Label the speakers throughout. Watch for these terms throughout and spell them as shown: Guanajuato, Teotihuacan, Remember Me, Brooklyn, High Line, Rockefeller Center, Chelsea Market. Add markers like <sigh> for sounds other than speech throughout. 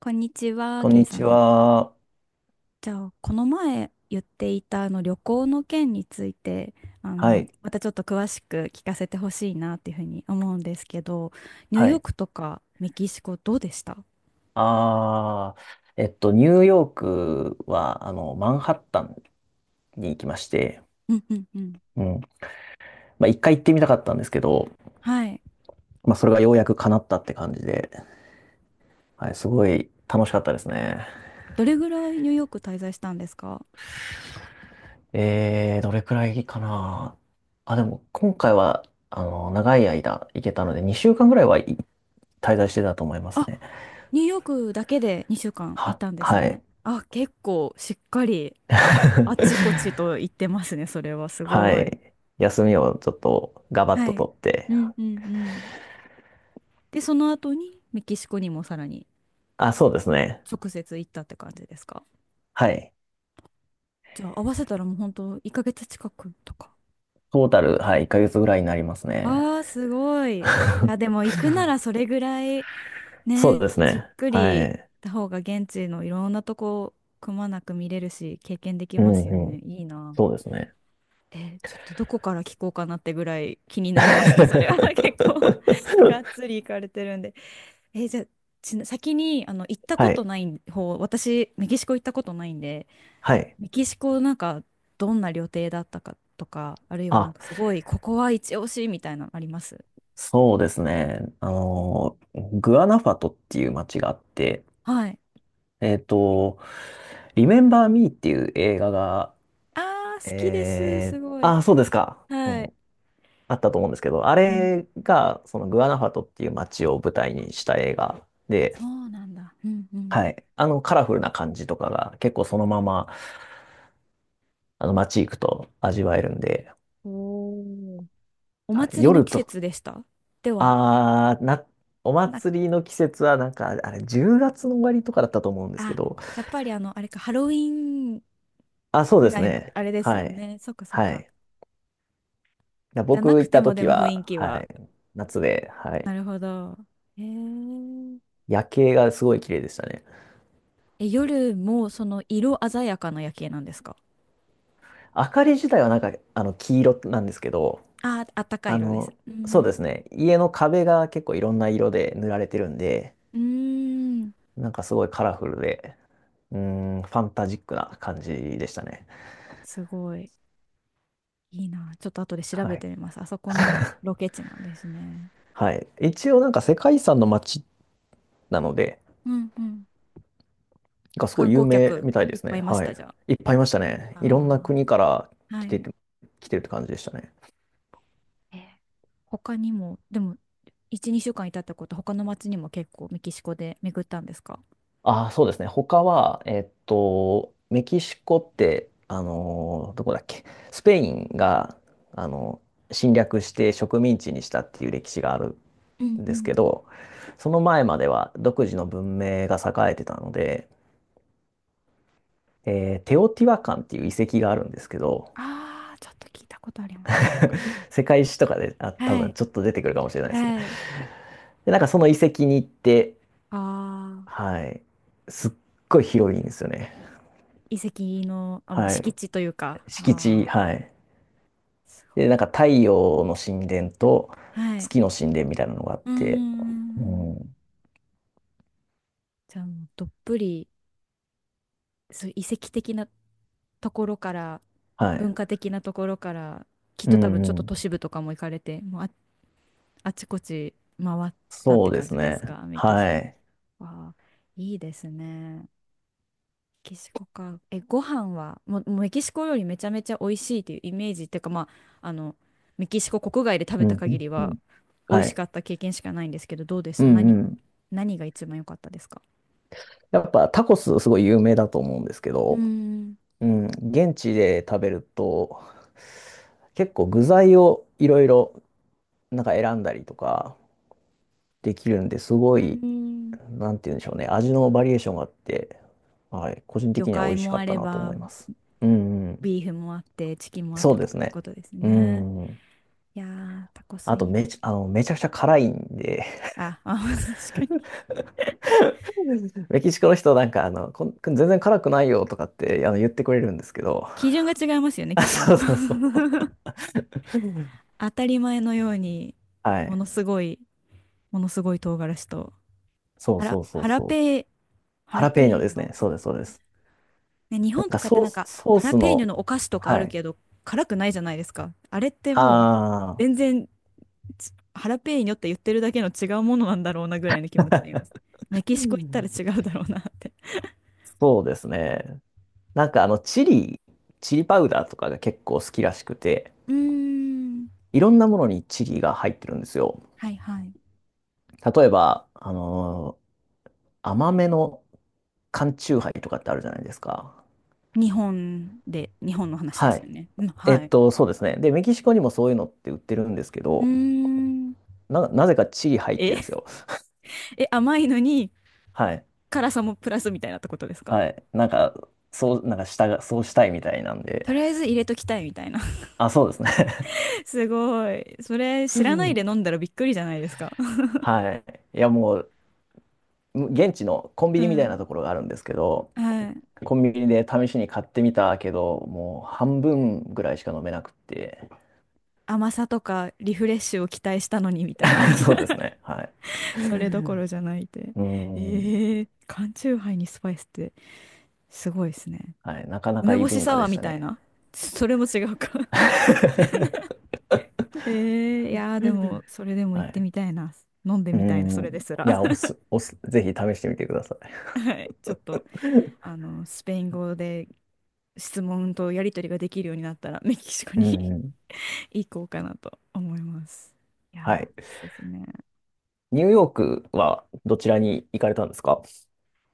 Speaker 1: こんにちは、
Speaker 2: こん
Speaker 1: ケイ
Speaker 2: に
Speaker 1: さ
Speaker 2: ち
Speaker 1: ん。こん
Speaker 2: は。
Speaker 1: じゃあ、この前言っていたあの旅行の件について、
Speaker 2: はい。
Speaker 1: またちょっと詳しく聞かせてほしいなっていうふうに思うんですけど、ニュー
Speaker 2: は
Speaker 1: ヨー
Speaker 2: い。
Speaker 1: クとかメキシコどうでした？
Speaker 2: あニューヨークは、マンハッタンに行きまして、
Speaker 1: うんうんうん。
Speaker 2: うん。まあ、一回行ってみたかったんですけど、
Speaker 1: はい。
Speaker 2: まあ、それがようやく叶ったって感じで、はい、すごい楽しかったですね。
Speaker 1: どれぐらいニューヨーク滞在したんですか？
Speaker 2: どれくらいかな。あ、でも、今回は、長い間行けたので、2週間ぐらい、はい、滞在してたと思います
Speaker 1: あ、
Speaker 2: ね。
Speaker 1: ニューヨークだけで2週間い
Speaker 2: は、
Speaker 1: たんです
Speaker 2: は
Speaker 1: ね。
Speaker 2: い。
Speaker 1: あ、結構しっかりあ
Speaker 2: <laughs>
Speaker 1: ちこちと行ってますね、それはす
Speaker 2: は
Speaker 1: ごい。
Speaker 2: い。休みをちょっとガバッ
Speaker 1: は
Speaker 2: と
Speaker 1: い。
Speaker 2: 取って、
Speaker 1: うんうんうん。で、その後にメキシコにもさらに。
Speaker 2: あ、そうですね。
Speaker 1: 直接行ったって感じですか？
Speaker 2: はい。
Speaker 1: じゃあ合わせたらもう本当1ヶ月近くとか。
Speaker 2: トータル、はい、1ヶ月ぐらいになりますね。
Speaker 1: ああー、すごい。いや、で
Speaker 2: <laughs>
Speaker 1: も行くならそれぐらい
Speaker 2: そう
Speaker 1: ね、
Speaker 2: です
Speaker 1: じっ
Speaker 2: ね。
Speaker 1: くり
Speaker 2: は
Speaker 1: 行っ
Speaker 2: い。
Speaker 1: た方が現地のいろんなとこくまなく見れるし、経験でき
Speaker 2: う
Speaker 1: ま
Speaker 2: ん
Speaker 1: すよ
Speaker 2: うん。
Speaker 1: ね。いいな。
Speaker 2: そうですね。
Speaker 1: え、ちょっとどこから聞こうかなってぐらい気になりますね、それは。<laughs> 結構がっつ
Speaker 2: <laughs>
Speaker 1: り行かれてるんで。え、じゃあ、先に行ったこ
Speaker 2: は
Speaker 1: と
Speaker 2: い。
Speaker 1: ない方、私、メキシコ行ったことないんで、
Speaker 2: はい。
Speaker 1: メキシコなんかどんな旅程だったかとか、あるいはな
Speaker 2: あ、
Speaker 1: んかすごい、ここは一押しみたいなのあります？
Speaker 2: そうですね。グアナファトっていう街があって、
Speaker 1: はい。
Speaker 2: えっと、リメンバー・ミーっていう映画が、
Speaker 1: ああ、好きです。すごい。
Speaker 2: あ、そうですか。う
Speaker 1: はい。
Speaker 2: ん。あったと思うんですけど、あ
Speaker 1: うん。
Speaker 2: れが、そのグアナファトっていう街を舞台にした映画で、
Speaker 1: そうなんだ。うんうん。
Speaker 2: はい。カラフルな感じとかが結構そのまま、街行くと味わえるんで、
Speaker 1: おー、お
Speaker 2: はい、
Speaker 1: 祭りの
Speaker 2: 夜
Speaker 1: 季
Speaker 2: と、
Speaker 1: 節でした？では、
Speaker 2: あー、な、お
Speaker 1: な、
Speaker 2: 祭りの季節はなんか、あれ、10月の終わりとかだったと思うんですけ
Speaker 1: あ、
Speaker 2: ど、
Speaker 1: やっぱりあれか、ハロウィーン
Speaker 2: あ、そう
Speaker 1: ぐ
Speaker 2: で
Speaker 1: ら
Speaker 2: す
Speaker 1: いの、
Speaker 2: ね。
Speaker 1: あれです
Speaker 2: は
Speaker 1: よ
Speaker 2: い。
Speaker 1: ね。そっかそっ
Speaker 2: は
Speaker 1: か。
Speaker 2: い。だ
Speaker 1: じゃ
Speaker 2: 僕
Speaker 1: なく
Speaker 2: 行っ
Speaker 1: て
Speaker 2: た
Speaker 1: もで
Speaker 2: 時
Speaker 1: も雰囲
Speaker 2: は、
Speaker 1: 気
Speaker 2: は
Speaker 1: は。
Speaker 2: い。夏で、は
Speaker 1: な
Speaker 2: い。
Speaker 1: るほど。へー。
Speaker 2: 夜景がすごい綺麗でしたね。
Speaker 1: え、夜もその色鮮やかな夜景なんですか？
Speaker 2: 明かり自体はなんか、黄色なんですけど、
Speaker 1: あー、あったかい
Speaker 2: あ
Speaker 1: 色です。
Speaker 2: の、
Speaker 1: う
Speaker 2: そうで
Speaker 1: ん。
Speaker 2: すね。家の壁が結構いろんな色で塗られてるんで、
Speaker 1: うーん。
Speaker 2: なんかすごいカラフルで、うーファンタジックな感じでしたね。
Speaker 1: すごい、いいな。ちょっと後で調
Speaker 2: は
Speaker 1: べて
Speaker 2: い。
Speaker 1: みます。あそこのロケ地なんですね。
Speaker 2: はい。一応なんか世界遺産の街なので、
Speaker 1: うんうん。
Speaker 2: がすご
Speaker 1: 観
Speaker 2: い有
Speaker 1: 光
Speaker 2: 名
Speaker 1: 客
Speaker 2: みたい
Speaker 1: い
Speaker 2: で
Speaker 1: っ
Speaker 2: す
Speaker 1: ぱいい
Speaker 2: ね。
Speaker 1: まし
Speaker 2: は
Speaker 1: た、
Speaker 2: い。
Speaker 1: じゃ
Speaker 2: いっぱいいましたね。
Speaker 1: あ？
Speaker 2: いろんな
Speaker 1: あ
Speaker 2: 国から
Speaker 1: あ。は
Speaker 2: 来て
Speaker 1: い。
Speaker 2: て、来てるって感じでしたね。
Speaker 1: えー他にも、でも、1、2週間いたってこと、他の町にも結構メキシコで巡ったんですか？
Speaker 2: ああ、そうですね。他は、メキシコって、どこだっけ、スペインが、あの侵略して植民地にしたっていう歴史がある
Speaker 1: うん
Speaker 2: ん
Speaker 1: う
Speaker 2: ですけ
Speaker 1: ん。
Speaker 2: ど、その前までは独自の文明が栄えてたので、テオティワカンっていう遺跡があるんですけど、
Speaker 1: ああ、ちょっと聞いたことあります。そっか。
Speaker 2: <laughs> 世界史とかで、あ、多
Speaker 1: は
Speaker 2: 分
Speaker 1: い。
Speaker 2: ちょっと出てくるかもしれないですね。
Speaker 1: はい。
Speaker 2: で、なんかその遺跡に行って、
Speaker 1: ああ、
Speaker 2: はい、すっごい広いんですよね。
Speaker 1: 遺跡の、あ、もう
Speaker 2: はい、
Speaker 1: 敷地というか。
Speaker 2: 敷地、
Speaker 1: ああ、
Speaker 2: はい。
Speaker 1: すご
Speaker 2: で、なんか太陽の神殿と
Speaker 1: い。はい。
Speaker 2: 月の神殿みたいなのがあっ
Speaker 1: うー
Speaker 2: て、う
Speaker 1: ん、
Speaker 2: ん、
Speaker 1: じゃあもうどっぷりそういう遺跡的なところから
Speaker 2: は
Speaker 1: 文
Speaker 2: い、
Speaker 1: 化的なところからきっ
Speaker 2: う
Speaker 1: と多分ちょっ
Speaker 2: ん、う
Speaker 1: と都
Speaker 2: ん、
Speaker 1: 市部とかも行かれてもう、あ、あちこち回ったっ
Speaker 2: そ
Speaker 1: て
Speaker 2: うで
Speaker 1: 感
Speaker 2: す
Speaker 1: じで
Speaker 2: ね。
Speaker 1: すか？メキシ
Speaker 2: はい。
Speaker 1: コ、わあ、いいですね。メキシコか。え、ご飯はもうメキシコ料理めちゃめちゃ美味しいっていうイメージっていうか、まあ、メキシコ国外で食
Speaker 2: う
Speaker 1: べた
Speaker 2: ん、う
Speaker 1: 限
Speaker 2: ん、
Speaker 1: り
Speaker 2: う
Speaker 1: は
Speaker 2: ん、
Speaker 1: 美味
Speaker 2: は
Speaker 1: し
Speaker 2: い。
Speaker 1: かった経験しかないんですけどどうでし
Speaker 2: う
Speaker 1: た？
Speaker 2: ん、
Speaker 1: 何が一番良かったですか？
Speaker 2: やっぱタコスすごい有名だと思うんですけ
Speaker 1: うー
Speaker 2: ど、
Speaker 1: ん。
Speaker 2: うん、現地で食べると、結構具材をいろいろなんか選んだりとかできるんですご
Speaker 1: うー
Speaker 2: い、
Speaker 1: ん、
Speaker 2: なんて言うんでしょうね、味のバリエーションがあって、はい、個人
Speaker 1: 魚
Speaker 2: 的には美
Speaker 1: 介
Speaker 2: 味し
Speaker 1: も
Speaker 2: か
Speaker 1: あ
Speaker 2: った
Speaker 1: れ
Speaker 2: なと思
Speaker 1: ば、
Speaker 2: います。うんうん、
Speaker 1: ビーフもあって、チキンもあっ
Speaker 2: そ
Speaker 1: て
Speaker 2: うで
Speaker 1: と
Speaker 2: す
Speaker 1: かって
Speaker 2: ね。
Speaker 1: ことです
Speaker 2: う
Speaker 1: ね。
Speaker 2: んうん。
Speaker 1: いやー、タコス
Speaker 2: あ
Speaker 1: イ
Speaker 2: と
Speaker 1: ン。
Speaker 2: めちゃくちゃ辛いんで、
Speaker 1: あ、あ、<laughs> 確かに。
Speaker 2: <laughs> メキシコの人なんか全然辛くないよとかって言ってくれるんですけど、
Speaker 1: 基準が違いますよね、き
Speaker 2: あ、
Speaker 1: っともう。
Speaker 2: そうそう
Speaker 1: <laughs>
Speaker 2: そう。
Speaker 1: 当たり前のように、
Speaker 2: <laughs> は
Speaker 1: も
Speaker 2: い。
Speaker 1: のすごい、ものすごい唐辛子と、
Speaker 2: そう
Speaker 1: ハラ、
Speaker 2: そうそう
Speaker 1: ハラ
Speaker 2: そう。
Speaker 1: ペー、ハ
Speaker 2: ハ
Speaker 1: ラ
Speaker 2: ラ
Speaker 1: ペー
Speaker 2: ペーニョで
Speaker 1: ニ
Speaker 2: す
Speaker 1: ョ。
Speaker 2: ね。そうです、そうです。
Speaker 1: ね、日
Speaker 2: なん
Speaker 1: 本と
Speaker 2: か
Speaker 1: かって
Speaker 2: ソー
Speaker 1: なん
Speaker 2: ス、
Speaker 1: か、
Speaker 2: ソー
Speaker 1: ハラ
Speaker 2: ス
Speaker 1: ペーニョ
Speaker 2: の、
Speaker 1: のお菓子とかあ
Speaker 2: は
Speaker 1: る
Speaker 2: い。
Speaker 1: けど、辛くないじゃないですか。あれってもう、
Speaker 2: ああ、
Speaker 1: 全然ハラペーニョって言ってるだけの違うものなんだろうなぐらいの気持ちでいます。メキ
Speaker 2: う
Speaker 1: シコ行ったら
Speaker 2: ん、
Speaker 1: 違うだろうなって。
Speaker 2: そうですね。なんかチリパウダーとかが結構好きらしくて、
Speaker 1: うーん。
Speaker 2: いろんなものにチリが入ってるんですよ。
Speaker 1: はいはい。
Speaker 2: 例えば、甘めの缶チューハイとかってあるじゃないですか。
Speaker 1: 日本の話で
Speaker 2: は
Speaker 1: す
Speaker 2: い。
Speaker 1: よね。うん、はい。
Speaker 2: そうですね。で、メキシコにもそういうのって売ってるんですけ
Speaker 1: うー
Speaker 2: ど、
Speaker 1: ん。
Speaker 2: なぜかチリ入って
Speaker 1: え
Speaker 2: るんです
Speaker 1: <laughs>、
Speaker 2: よ。
Speaker 1: え、甘いのに
Speaker 2: はい。
Speaker 1: 辛さもプラスみたいなってことですか？
Speaker 2: はい。なんか、そう、なんかしたが、そうしたいみたいなんで。
Speaker 1: とりあえず入れときたいみたいな。<laughs>
Speaker 2: あ、そうですね。
Speaker 1: すごい。それ
Speaker 2: <laughs> う
Speaker 1: 知らない
Speaker 2: ん。
Speaker 1: で飲んだらびっくりじゃないですか。
Speaker 2: <laughs> はい。いや、もう、現地のコン
Speaker 1: <laughs>
Speaker 2: ビ
Speaker 1: う
Speaker 2: ニみたいなと
Speaker 1: ん。
Speaker 2: ころがあるんですけど、
Speaker 1: はい。
Speaker 2: コンビニで試しに買ってみたけど、もう半分ぐらいしか飲めなくって。
Speaker 1: 甘さとかリフレッシュを期待したのにみたいな。
Speaker 2: <laughs> そうで
Speaker 1: <laughs>
Speaker 2: すね。はい。
Speaker 1: それどこ
Speaker 2: <laughs>
Speaker 1: ろじゃないって。
Speaker 2: うん。
Speaker 1: ええ、缶チューハイにスパイスってすごいですね。
Speaker 2: はい。なかなか
Speaker 1: 梅
Speaker 2: いい
Speaker 1: 干し
Speaker 2: 文化
Speaker 1: サ
Speaker 2: で
Speaker 1: ワー
Speaker 2: し
Speaker 1: み
Speaker 2: た
Speaker 1: たい
Speaker 2: ね。
Speaker 1: な。それも違うか。
Speaker 2: <laughs>
Speaker 1: いやーでも、それでも行
Speaker 2: は
Speaker 1: って
Speaker 2: い。
Speaker 1: みたいな。飲んで
Speaker 2: う
Speaker 1: みたいな、そ
Speaker 2: ん。
Speaker 1: れですら。
Speaker 2: い
Speaker 1: <laughs>
Speaker 2: や、おす、おす、ぜひ試してみてください。
Speaker 1: はい。ちょっと、
Speaker 2: <laughs>
Speaker 1: スペイン語で質問とやり取りができるようになったら、メキシコ
Speaker 2: う
Speaker 1: に <laughs>
Speaker 2: ん。
Speaker 1: 行こうかなと思います。い
Speaker 2: は
Speaker 1: や
Speaker 2: い。
Speaker 1: ー、いいですね。
Speaker 2: ニューヨークはどちらに行かれたんですか？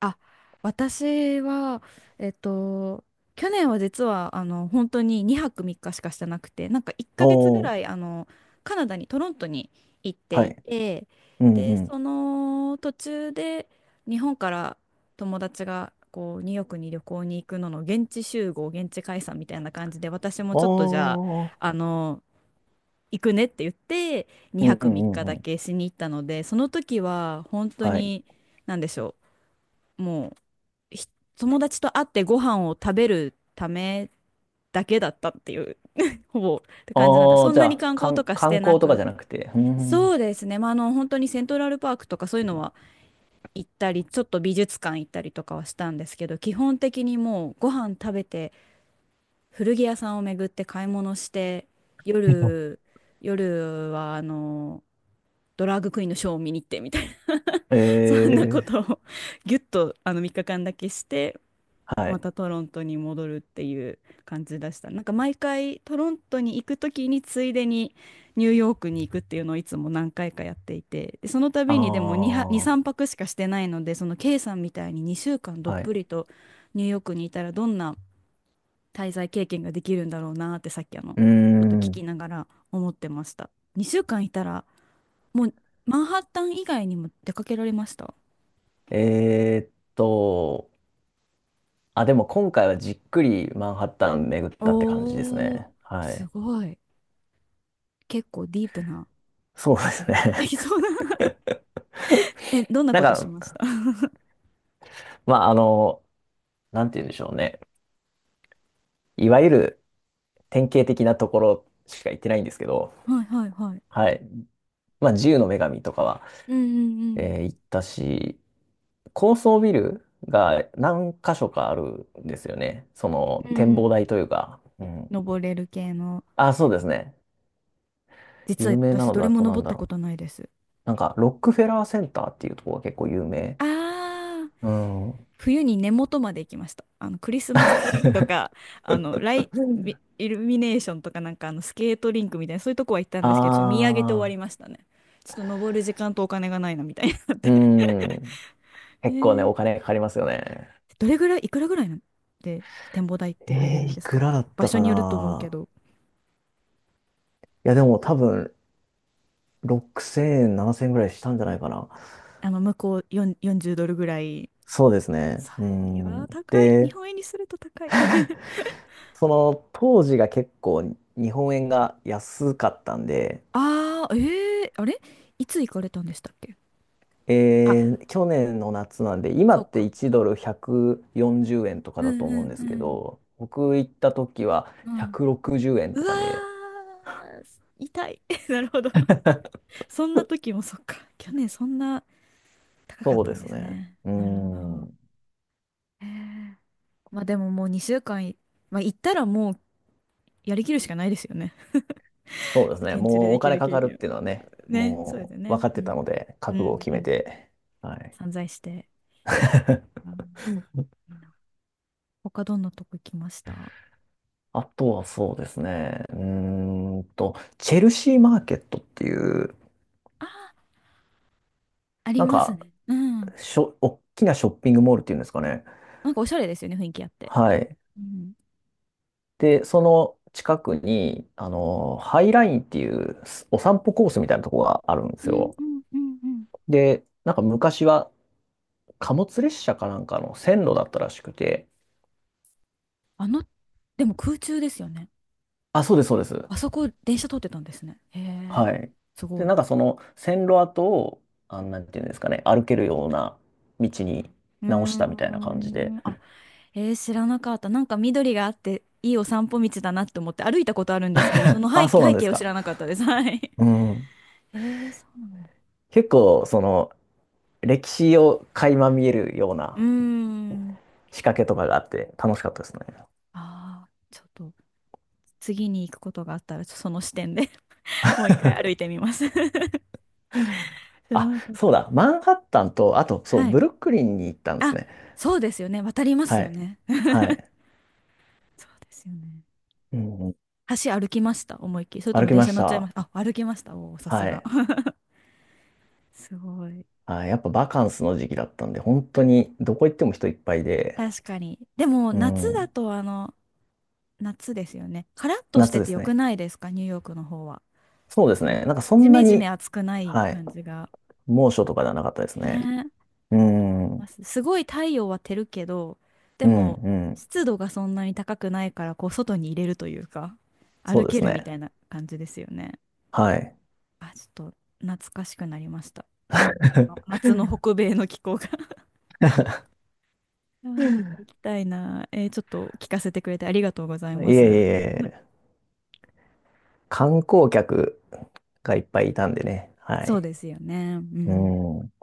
Speaker 1: あ、私は、えっと、去年は実は、本当に2泊3日しかしてなくて、なんか1ヶ月ぐ
Speaker 2: お
Speaker 1: らい、
Speaker 2: ー、
Speaker 1: カナダに、トロントに行って
Speaker 2: は
Speaker 1: い
Speaker 2: い。
Speaker 1: て、
Speaker 2: うん
Speaker 1: で、
Speaker 2: うん。
Speaker 1: その途中で、日本から友達が、こう、ニューヨークに旅行に行くのの現地集合、現地解散みたいな感じで、私もちょっとじゃあ、
Speaker 2: ああ、
Speaker 1: 行くねって言って、
Speaker 2: うん
Speaker 1: 2
Speaker 2: う
Speaker 1: 泊
Speaker 2: ん
Speaker 1: 3日
Speaker 2: うん
Speaker 1: だ
Speaker 2: うん。
Speaker 1: けしに行ったので、その時は、本当
Speaker 2: はい。
Speaker 1: に、なんでしょう、もう。ひ友達と会ってご飯を食べるためだけだったっていう、<laughs> ほぼって感じなんだ。
Speaker 2: あ
Speaker 1: そ
Speaker 2: あ、
Speaker 1: ん
Speaker 2: じ
Speaker 1: な
Speaker 2: ゃ
Speaker 1: に
Speaker 2: あ、
Speaker 1: 観光と
Speaker 2: 観
Speaker 1: かし
Speaker 2: 観
Speaker 1: てな
Speaker 2: 光とか
Speaker 1: く、
Speaker 2: じゃなくて。う
Speaker 1: そ
Speaker 2: ん。
Speaker 1: うですね。まあ、本当にセントラルパークとかそういうのは行ったり、ちょっと美術館行ったりとかはしたんですけど、基本的にもうご飯食べて、古着屋さんを巡って買い物して、
Speaker 2: <laughs>
Speaker 1: 夜、夜はドラァグクイーンのショーを見に行ってみたいな、<laughs> そんなこ
Speaker 2: ええ
Speaker 1: とをぎゅっと3日間だけして、
Speaker 2: ー、は
Speaker 1: ま
Speaker 2: い。
Speaker 1: たトロントに戻るっていう感じでした。なんか毎回トロントに行く時についでにニューヨークに行くっていうのをいつも何回かやっていて、でその
Speaker 2: あ
Speaker 1: 度にでも2は、2、3
Speaker 2: あ、
Speaker 1: 泊しかしてないので、その K さんみたいに2週間どっ
Speaker 2: は
Speaker 1: ぷ
Speaker 2: い。
Speaker 1: りとニューヨークにいたらどんな滞在経験ができるんだろうなってさっきちょ
Speaker 2: うー
Speaker 1: っと聞き
Speaker 2: ん。
Speaker 1: ながら思ってました。2週間いたらもうマンハッタン以外にも出かけられました？
Speaker 2: えーっと、あ、でも今回はじっくりマンハッタン巡ったって感じです
Speaker 1: おー、
Speaker 2: ね。は
Speaker 1: す
Speaker 2: い。
Speaker 1: ごい。結構ディープな
Speaker 2: そうで
Speaker 1: 経験
Speaker 2: すね。
Speaker 1: できそうな。 <laughs> え、どん
Speaker 2: <laughs>
Speaker 1: な
Speaker 2: なん
Speaker 1: ことしまし
Speaker 2: か、
Speaker 1: た？ <laughs> は
Speaker 2: まあ、なんて言うんでしょうね。いわゆる典型的なところしか行ってないんですけど、
Speaker 1: いはいはい。
Speaker 2: はい。まあ、自由の女神とかは、
Speaker 1: うんうん
Speaker 2: 行ったし、高層ビルが何箇所かあるんですよね。そ
Speaker 1: う
Speaker 2: の
Speaker 1: ん。う
Speaker 2: 展望
Speaker 1: ん。
Speaker 2: 台というか。うん。
Speaker 1: 登れる系の。
Speaker 2: あ、そうですね。
Speaker 1: 実は
Speaker 2: 有名な
Speaker 1: 私
Speaker 2: の
Speaker 1: どれ
Speaker 2: だ
Speaker 1: も
Speaker 2: となん
Speaker 1: 登っ
Speaker 2: だ
Speaker 1: たこ
Speaker 2: ろ
Speaker 1: とないです。
Speaker 2: う。なんか、ロックフェラーセンターっていうところが結構有名。
Speaker 1: ああ、
Speaker 2: うん。
Speaker 1: 冬に根元まで行きました。クリスマスツリーとか、ライ、イイルミネーションとかなんかスケートリンクみたいな、そういうとこは行ったん
Speaker 2: あ
Speaker 1: ですけど、ちょっと見上げて終わり
Speaker 2: あ、
Speaker 1: ましたね。ちょっと登る時間とお金がないなみたいになっ
Speaker 2: う
Speaker 1: て、
Speaker 2: ん。
Speaker 1: え
Speaker 2: 結構ね、
Speaker 1: ー、
Speaker 2: お金かかりますよね。
Speaker 1: どれぐらい、いくらぐらいなんで展望台って入れるん
Speaker 2: い
Speaker 1: です
Speaker 2: く
Speaker 1: か？
Speaker 2: らだっ
Speaker 1: 場
Speaker 2: た
Speaker 1: 所
Speaker 2: か
Speaker 1: によると思うけ
Speaker 2: な。
Speaker 1: ど。
Speaker 2: いや、でも多分、6000円、7000円ぐらいしたんじゃないかな。
Speaker 1: あの、向こう4、40ドルぐらい。
Speaker 2: そうですね。
Speaker 1: そう、
Speaker 2: う
Speaker 1: いや
Speaker 2: ん。
Speaker 1: ー、高い。日
Speaker 2: で、
Speaker 1: 本円にすると高い。<laughs>
Speaker 2: その当時が結構日本円が安かったんで、
Speaker 1: ああ、ええ、あれいつ行かれたんでしたっけ？あ、
Speaker 2: 去年の夏なんで、今
Speaker 1: そう
Speaker 2: って
Speaker 1: か。
Speaker 2: 1ドル140円とか
Speaker 1: う
Speaker 2: だと
Speaker 1: んう
Speaker 2: 思うん
Speaker 1: ん
Speaker 2: で
Speaker 1: う
Speaker 2: すけ
Speaker 1: ん
Speaker 2: ど、僕行った時は
Speaker 1: うん、
Speaker 2: 160円
Speaker 1: う
Speaker 2: とかで、
Speaker 1: わー、痛い。<laughs> なるほど。そんな時もそっか。去年そんな高かっ
Speaker 2: そう
Speaker 1: た
Speaker 2: で
Speaker 1: ん
Speaker 2: す
Speaker 1: です
Speaker 2: ね。
Speaker 1: ね。
Speaker 2: う
Speaker 1: なるほど。
Speaker 2: ん。
Speaker 1: へえ、まあでももう2週間い、まあ、行ったらもうやりきるしかないですよね。
Speaker 2: そうで
Speaker 1: <laughs>
Speaker 2: すね。
Speaker 1: 現地で
Speaker 2: もう
Speaker 1: で
Speaker 2: お
Speaker 1: き
Speaker 2: 金
Speaker 1: る
Speaker 2: か
Speaker 1: 経
Speaker 2: かる
Speaker 1: 験
Speaker 2: っ
Speaker 1: を
Speaker 2: ていうのはね、
Speaker 1: ね、そうです
Speaker 2: も
Speaker 1: よ
Speaker 2: う分
Speaker 1: ね。
Speaker 2: かっ
Speaker 1: う
Speaker 2: てた
Speaker 1: ん。
Speaker 2: ので、
Speaker 1: う
Speaker 2: 覚悟を
Speaker 1: ん
Speaker 2: 決
Speaker 1: う
Speaker 2: め
Speaker 1: ん、
Speaker 2: て、はい。
Speaker 1: 散財して。
Speaker 2: <laughs>
Speaker 1: うん、いいな。他どんなとこ行きました？
Speaker 2: あとはそうですね。チェルシーマーケットっていう、
Speaker 1: あー、あり
Speaker 2: なん
Speaker 1: ます
Speaker 2: か、
Speaker 1: ね。うん。
Speaker 2: 大きなショッピングモールっていうんですかね。
Speaker 1: なんかおしゃれですよね、雰囲気あって。
Speaker 2: はい。
Speaker 1: うん、
Speaker 2: で、その近くに、ハイラインっていうお散歩コースみたいなとこがあるんで
Speaker 1: う
Speaker 2: す
Speaker 1: ん
Speaker 2: よ。
Speaker 1: うんうんうん、
Speaker 2: で、なんか昔は貨物列車かなんかの線路だったらしくて、
Speaker 1: あの、でも空中ですよね。
Speaker 2: あ、そうです、そうです。
Speaker 1: あそこ電車通ってたんですね。へえ、
Speaker 2: はい。
Speaker 1: す
Speaker 2: で、
Speaker 1: ごい。
Speaker 2: なんかその線路跡を、あ、なんていうんですかね、歩けるような道に
Speaker 1: うー
Speaker 2: 直したみたいな感じで、
Speaker 1: ん。あ、知らなかった。なんか緑があって、いいお散歩道だなって思って歩いたことあるんですけど、その
Speaker 2: あ、そうなん
Speaker 1: 背
Speaker 2: で
Speaker 1: 景
Speaker 2: す
Speaker 1: を知
Speaker 2: か。
Speaker 1: らなかったです。はい。
Speaker 2: うん。
Speaker 1: そうなんだ。
Speaker 2: 結構、その、歴史を垣間見えるような
Speaker 1: うーん。
Speaker 2: 仕掛けとかがあって楽しかったですね。
Speaker 1: ああ、ちょっと次に行くことがあったら、その視点で <laughs> もう一回歩いてみます。 <laughs> 知ら
Speaker 2: あ、
Speaker 1: なかっ
Speaker 2: そう
Speaker 1: た。
Speaker 2: だ。マンハッタンと、あと、そう、
Speaker 1: はい。
Speaker 2: ブルックリンに行ったんです
Speaker 1: あ、
Speaker 2: ね。
Speaker 1: そうですよね。渡ります
Speaker 2: は
Speaker 1: よ
Speaker 2: い。
Speaker 1: ね。
Speaker 2: はい。
Speaker 1: <laughs> そうですよね。
Speaker 2: うん。
Speaker 1: 橋歩きました？思いっきり？それと
Speaker 2: 歩
Speaker 1: も
Speaker 2: き
Speaker 1: 電
Speaker 2: ま
Speaker 1: 車
Speaker 2: し
Speaker 1: 乗っちゃいま
Speaker 2: た。
Speaker 1: した？あ、歩きました。おお、さす
Speaker 2: は
Speaker 1: が。
Speaker 2: い。
Speaker 1: <laughs> すごい。
Speaker 2: はい。やっぱバカンスの時期だったんで、本当にどこ行っても人いっぱいで、
Speaker 1: 確かに。でも、
Speaker 2: う
Speaker 1: 夏だ
Speaker 2: ん。
Speaker 1: と、夏ですよね。カラッとし
Speaker 2: 夏
Speaker 1: て
Speaker 2: で
Speaker 1: て
Speaker 2: す
Speaker 1: よく
Speaker 2: ね。
Speaker 1: ないですか？ニューヨークの方は。
Speaker 2: そうです
Speaker 1: こう、
Speaker 2: ね。なんかそ
Speaker 1: ジ
Speaker 2: んな
Speaker 1: メジ
Speaker 2: に、
Speaker 1: メ暑くない
Speaker 2: はい。
Speaker 1: 感じが。
Speaker 2: 猛暑とかではなかったです
Speaker 1: ね、
Speaker 2: ね。うん。う
Speaker 1: ま
Speaker 2: ん。
Speaker 1: すすごい太陽は照るけど、で
Speaker 2: う
Speaker 1: も
Speaker 2: ん。
Speaker 1: 湿度がそんなに高くないから、こう外に入れるというか、
Speaker 2: そ
Speaker 1: 歩
Speaker 2: うで
Speaker 1: け
Speaker 2: す
Speaker 1: るみ
Speaker 2: ね。
Speaker 1: たいな感じですよね。
Speaker 2: はい。
Speaker 1: あ、ちょっと懐かしくなりました。あ、
Speaker 2: <laughs>
Speaker 1: 夏の北米の気候が。 <laughs> あ
Speaker 2: <laughs> い
Speaker 1: ー、また行
Speaker 2: え
Speaker 1: きたいな。ちょっと聞かせてくれてありがとうござい
Speaker 2: いえい
Speaker 1: ます。<laughs>
Speaker 2: え、観光客がいっぱいいたんでね。は
Speaker 1: そう
Speaker 2: い。
Speaker 1: ですよね。う
Speaker 2: う
Speaker 1: ん。
Speaker 2: ん。